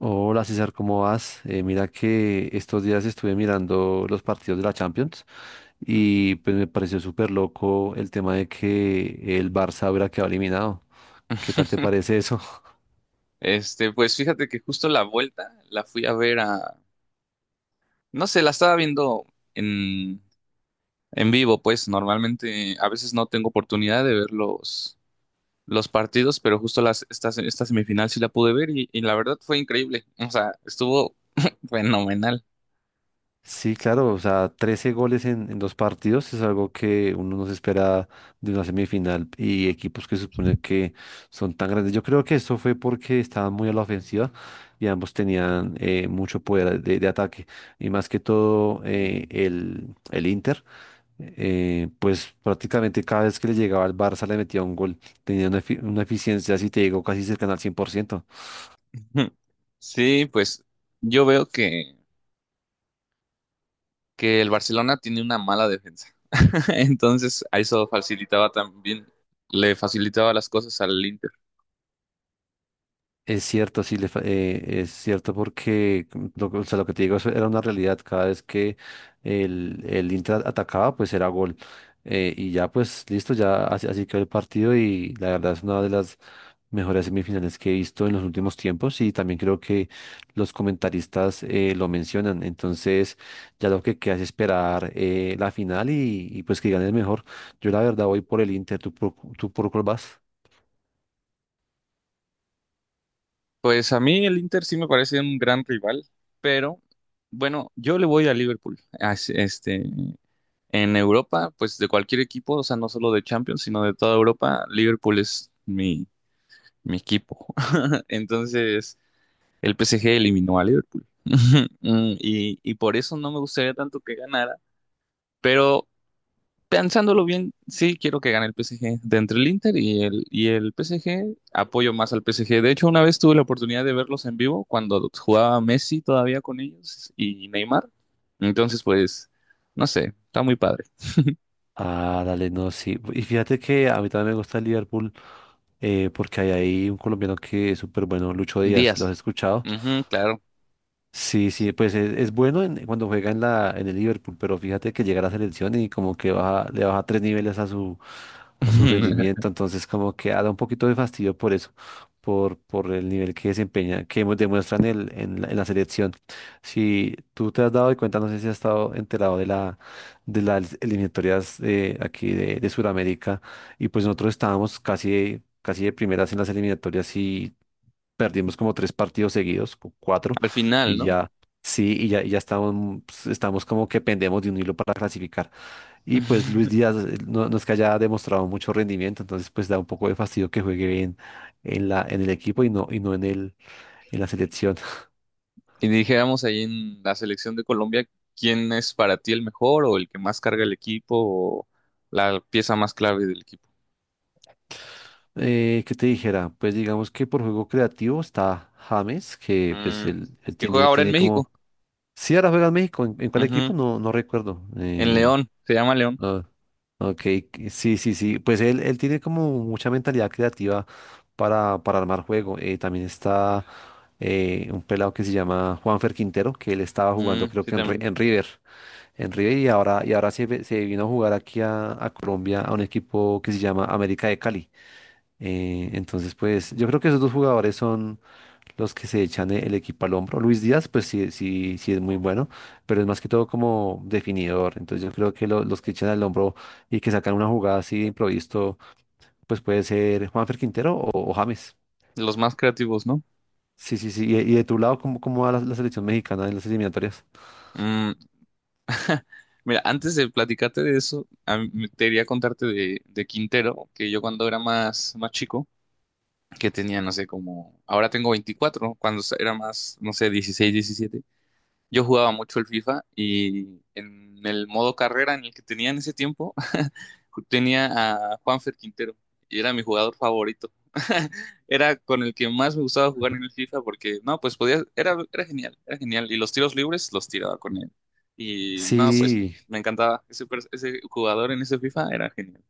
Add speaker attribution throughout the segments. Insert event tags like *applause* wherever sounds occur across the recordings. Speaker 1: Hola César, ¿cómo vas? Mira que estos días estuve mirando los partidos de la Champions
Speaker 2: Mm.
Speaker 1: y pues me pareció súper loco el tema de que el Barça hubiera quedado eliminado. ¿Qué tal te
Speaker 2: *laughs*
Speaker 1: parece eso? *laughs*
Speaker 2: Pues fíjate que justo la vuelta la fui a ver no sé, la estaba viendo en, en vivo. Pues normalmente a veces no tengo oportunidad de ver los partidos, pero justo esta semifinal sí la pude ver y la verdad fue increíble, o sea, estuvo *laughs* fenomenal.
Speaker 1: Sí, claro, o sea, 13 goles en dos partidos es algo que uno no se espera de una semifinal y equipos que se supone que son tan grandes. Yo creo que esto fue porque estaban muy a la ofensiva y ambos tenían mucho poder de ataque y más que todo el Inter. Pues prácticamente cada vez que le llegaba al Barça le metía un gol. Tenía una, una eficiencia, si te digo, casi cercana al cien por ciento.
Speaker 2: *laughs* Sí, pues yo veo que el Barcelona tiene una mala defensa, *laughs* entonces a eso facilitaba también, le facilitaba las cosas al Inter.
Speaker 1: Es cierto, sí, es cierto porque o sea, lo que te digo, eso era una realidad. Cada vez que el Inter atacaba, pues era gol. Y ya, pues listo, ya así, así quedó el partido y la verdad es una de las mejores semifinales que he visto en los últimos tiempos y también creo que los comentaristas lo mencionan. Entonces, ya lo que queda es esperar la final y pues que gane el mejor. Yo la verdad voy por el Inter. ¿Tú tú por cuál vas?
Speaker 2: Pues a mí el Inter sí me parece un gran rival, pero bueno, yo le voy a Liverpool. En Europa, pues de cualquier equipo, o sea, no solo de Champions, sino de toda Europa, Liverpool es mi equipo. *laughs* Entonces, el PSG eliminó a Liverpool. *laughs* Y por eso no me gustaría tanto que ganara, pero pensándolo bien, sí quiero que gane el PSG. De entre el Inter y el PSG, apoyo más al PSG. De hecho, una vez tuve la oportunidad de verlos en vivo cuando jugaba Messi todavía con ellos y Neymar. Entonces, pues, no sé, está muy padre.
Speaker 1: Ah, dale, no, sí. Y fíjate que a mí también me gusta el Liverpool porque hay ahí un colombiano que es súper bueno, Lucho Díaz. ¿Lo has
Speaker 2: Díaz.
Speaker 1: escuchado?
Speaker 2: Ujú, claro.
Speaker 1: Sí, sí, pues es, cuando juega en en el Liverpool, pero fíjate que llega a la selección y como que baja, le baja tres niveles a su
Speaker 2: *laughs*
Speaker 1: rendimiento, entonces como que da un poquito de fastidio por eso, por el nivel que desempeña, que demuestran en la selección. Si tú te has dado cuenta, no sé si has estado enterado de las eliminatorias aquí de Sudamérica, y pues nosotros estábamos casi casi de primeras en las eliminatorias, perdimos como tres partidos seguidos, cuatro,
Speaker 2: Al final,
Speaker 1: y
Speaker 2: ¿no?
Speaker 1: ya, sí, y ya estamos, pues, estamos como que pendemos de un hilo para clasificar. Y pues Luis Díaz
Speaker 2: *laughs*
Speaker 1: no, no es que haya demostrado mucho rendimiento, entonces pues da un poco de fastidio que juegue bien en en el equipo y no en la selección. *laughs*
Speaker 2: Y dijéramos ahí en la selección de Colombia, ¿quién es para ti el mejor o el que más carga el equipo o la pieza más clave del equipo?
Speaker 1: ¿Qué te dijera? Pues digamos que por juego creativo está James, que pues
Speaker 2: Mm,
Speaker 1: él
Speaker 2: que juega
Speaker 1: tiene,
Speaker 2: ahora en
Speaker 1: tiene como...
Speaker 2: México.
Speaker 1: Sí, ahora juega en México. En cuál equipo? No, no recuerdo.
Speaker 2: En León, se llama León.
Speaker 1: Ah, ok, sí, sí, sí. Pues él tiene como mucha mentalidad creativa para armar juego. También está un pelado que se llama Juanfer Quintero, que él estaba
Speaker 2: Mm,
Speaker 1: jugando creo
Speaker 2: sí,
Speaker 1: que
Speaker 2: también.
Speaker 1: en River, en River, y ahora se vino a jugar aquí a Colombia, a un equipo que se llama América de Cali. Entonces, pues yo creo que esos dos jugadores son los que se echan el equipo al hombro. Luis Díaz, pues sí, sí, sí es muy bueno, pero es más que todo como definidor. Entonces yo creo que los que echan al hombro y que sacan una jugada así de improviso, pues puede ser Juanfer Quintero o James.
Speaker 2: Los más creativos, ¿no?
Speaker 1: Sí, sí, sí. Y de tu lado, ¿cómo, cómo va la selección mexicana en las eliminatorias?
Speaker 2: Mm, Mira, antes de platicarte de eso, a mí te quería contarte de Quintero, que yo cuando era más, más chico, que tenía, no sé, como, ahora tengo 24, cuando era más, no sé, 16, 17, yo jugaba mucho el FIFA y en el modo carrera en el que tenía en ese tiempo, tenía a Juanfer Quintero y era mi jugador favorito. *laughs* Era con el que más me gustaba jugar en el FIFA porque, no, pues podía, era genial, era genial. Y los tiros libres los tiraba con él. Y no, sí, pues
Speaker 1: Sí,
Speaker 2: me encantaba. Ese jugador en ese FIFA era genial.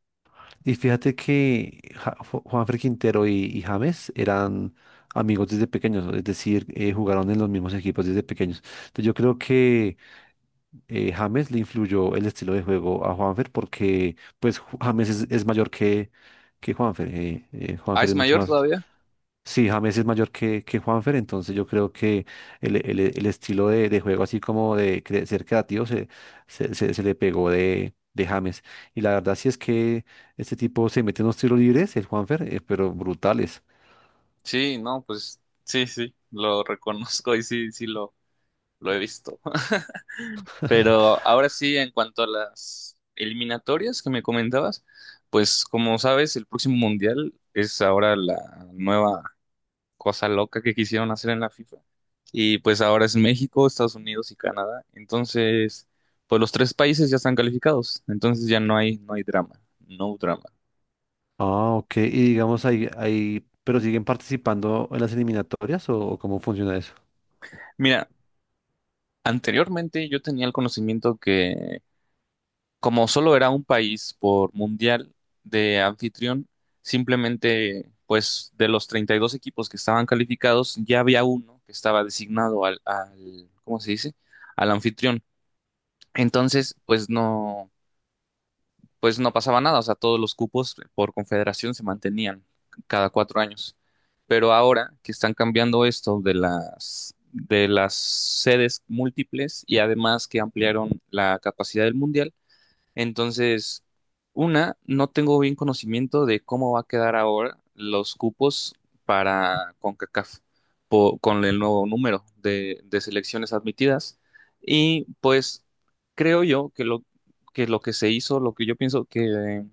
Speaker 1: y fíjate que Juanfer Quintero y James eran amigos desde pequeños, es decir, jugaron en los mismos equipos desde pequeños. Entonces yo creo que James le influyó el estilo de juego a Juanfer porque pues James es mayor que Juanfer.
Speaker 2: Ah,
Speaker 1: Juanfer
Speaker 2: es
Speaker 1: es mucho
Speaker 2: mayor
Speaker 1: más...
Speaker 2: todavía.
Speaker 1: Sí, James es mayor que Juanfer, entonces yo creo que el estilo de juego así como de ser creativo se le pegó de James. Y la verdad sí es que este tipo se mete unos tiros libres, el Juanfer, pero brutales.
Speaker 2: Sí, no, pues sí, sí, lo reconozco y sí, sí lo he visto. Pero ahora sí, en cuanto a las eliminatorias que me comentabas, pues como sabes, el próximo mundial es ahora la nueva cosa loca que quisieron hacer en la FIFA. Y pues ahora es México, Estados Unidos y Canadá. Entonces, pues los tres países ya están calificados. Entonces ya no hay, no hay drama, no drama.
Speaker 1: Ah, ok. Y digamos ahí, ahí, pero ¿siguen participando en las eliminatorias o cómo funciona eso?
Speaker 2: Mira, anteriormente yo tenía el conocimiento que como solo era un país por mundial de anfitrión, simplemente, pues de los 32 equipos que estaban calificados, ya había uno que estaba designado al, ¿cómo se dice? Al anfitrión. Entonces, pues no pasaba nada, o sea, todos los cupos por confederación se mantenían cada 4 años. Pero ahora que están cambiando esto de las sedes múltiples y además que ampliaron la capacidad del mundial, entonces, no tengo bien conocimiento de cómo va a quedar ahora los cupos para CONCACAF con el nuevo número de selecciones admitidas. Y pues creo yo que que lo que se hizo, lo que yo pienso que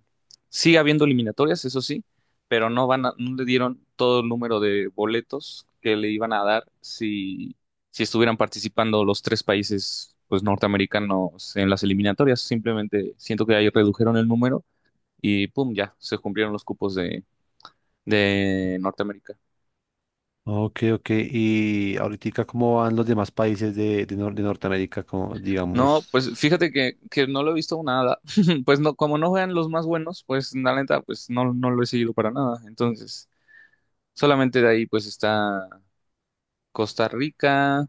Speaker 2: sigue habiendo eliminatorias, eso sí, pero no le dieron todo el número de boletos que le iban a dar si estuvieran participando los tres países pues norteamericanos en las eliminatorias. Simplemente siento que ahí redujeron el número y pum, ya se cumplieron los cupos de Norteamérica.
Speaker 1: Ok, ok. ¿Y ahorita cómo van los demás países de, Nor- de Norteamérica? Como,
Speaker 2: No,
Speaker 1: digamos.
Speaker 2: pues fíjate que no lo he visto nada. *laughs* Pues no, como no juegan los más buenos, pues la neta, pues no, no lo he seguido para nada. Entonces, solamente de ahí pues está Costa Rica,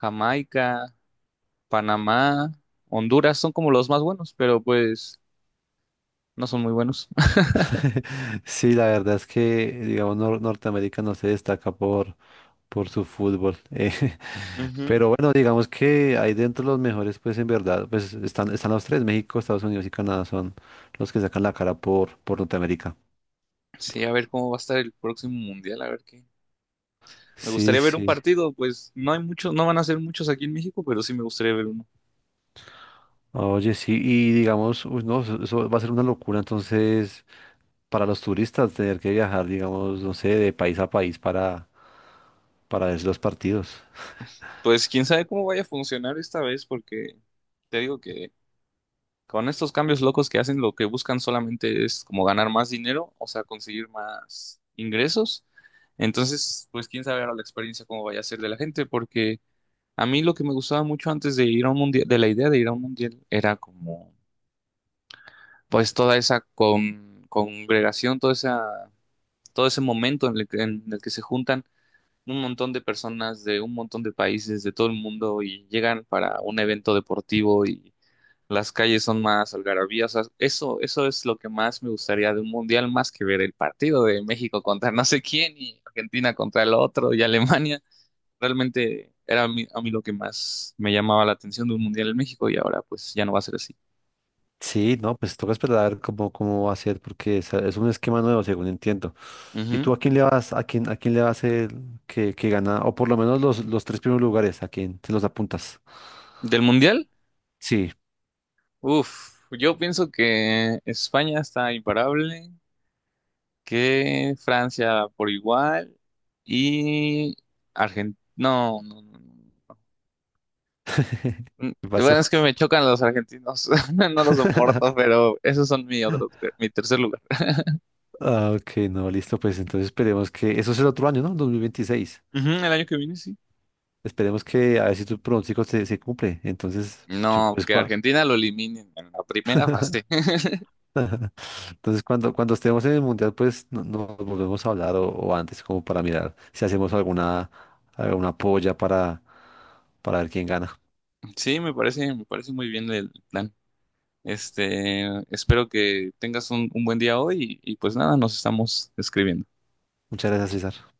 Speaker 2: Jamaica, Panamá, Honduras, son como los más buenos, pero pues no son muy buenos.
Speaker 1: *laughs* Sí, la verdad es que, digamos, Norteamérica no se destaca por su fútbol. *laughs*
Speaker 2: *laughs*
Speaker 1: Pero bueno, digamos que ahí dentro los mejores, pues en verdad, pues están, están los tres, México, Estados Unidos y Canadá son los que sacan la cara por Norteamérica.
Speaker 2: Sí, a ver cómo va a estar el próximo mundial, a ver qué. Me
Speaker 1: Sí,
Speaker 2: gustaría ver un
Speaker 1: sí.
Speaker 2: partido, pues no hay muchos, no van a ser muchos aquí en México, pero sí me gustaría ver uno.
Speaker 1: Oye, sí, y digamos, uy, no, eso va a ser una locura, entonces, para los turistas tener que viajar, digamos, no sé, de país a país para ver los partidos.
Speaker 2: Pues quién sabe cómo vaya a funcionar esta vez, porque te digo que con estos cambios locos que hacen, lo que buscan solamente es como ganar más dinero, o sea, conseguir más ingresos. Entonces, pues quién sabe ahora la experiencia cómo vaya a ser de la gente, porque a mí lo que me gustaba mucho antes de ir a un mundial, de la idea de ir a un mundial, era como, pues toda esa congregación, toda esa todo ese momento en en el que se juntan un montón de personas de un montón de países de todo el mundo y llegan para un evento deportivo y las calles son más algarabías. O sea, eso es lo que más me gustaría de un mundial, más que ver el partido de México contra no sé quién y Argentina contra el otro y Alemania. Realmente era a mí lo que más me llamaba la atención de un mundial en México y ahora pues ya no va a ser así.
Speaker 1: Sí, no, pues toca esperar a ver cómo, cómo va a ser, porque es un esquema nuevo, según entiendo. ¿Y
Speaker 2: Ujú.
Speaker 1: tú a quién le vas, a quién le vas el que gana, o por lo menos los tres primeros lugares, a quién te los apuntas?
Speaker 2: ¿Del mundial?
Speaker 1: Sí,
Speaker 2: Uf, yo pienso que España está imparable, que Francia por igual y Argentina. No, no, no, no.
Speaker 1: *laughs* ¿qué
Speaker 2: Bueno, es
Speaker 1: pasó?
Speaker 2: que me chocan los argentinos, *laughs* no los soporto,
Speaker 1: *laughs*
Speaker 2: pero esos son mi tercer lugar.
Speaker 1: Ah, ok, no, listo, pues entonces esperemos que, eso es el otro año, ¿no? 2026.
Speaker 2: Ujú, el año que viene, sí.
Speaker 1: Esperemos que a ver si tu pronóstico se cumple. Entonces,
Speaker 2: No, que Argentina lo eliminen en la primera fase. *laughs*
Speaker 1: *laughs* entonces, cuando, cuando estemos en el mundial, pues nos volvemos a hablar o antes, como para mirar si hacemos alguna, alguna polla para ver quién gana.
Speaker 2: Sí, me parece muy bien el plan. Este, Espero que tengas un buen día hoy y pues nada, nos estamos escribiendo.
Speaker 1: Muchas gracias, César.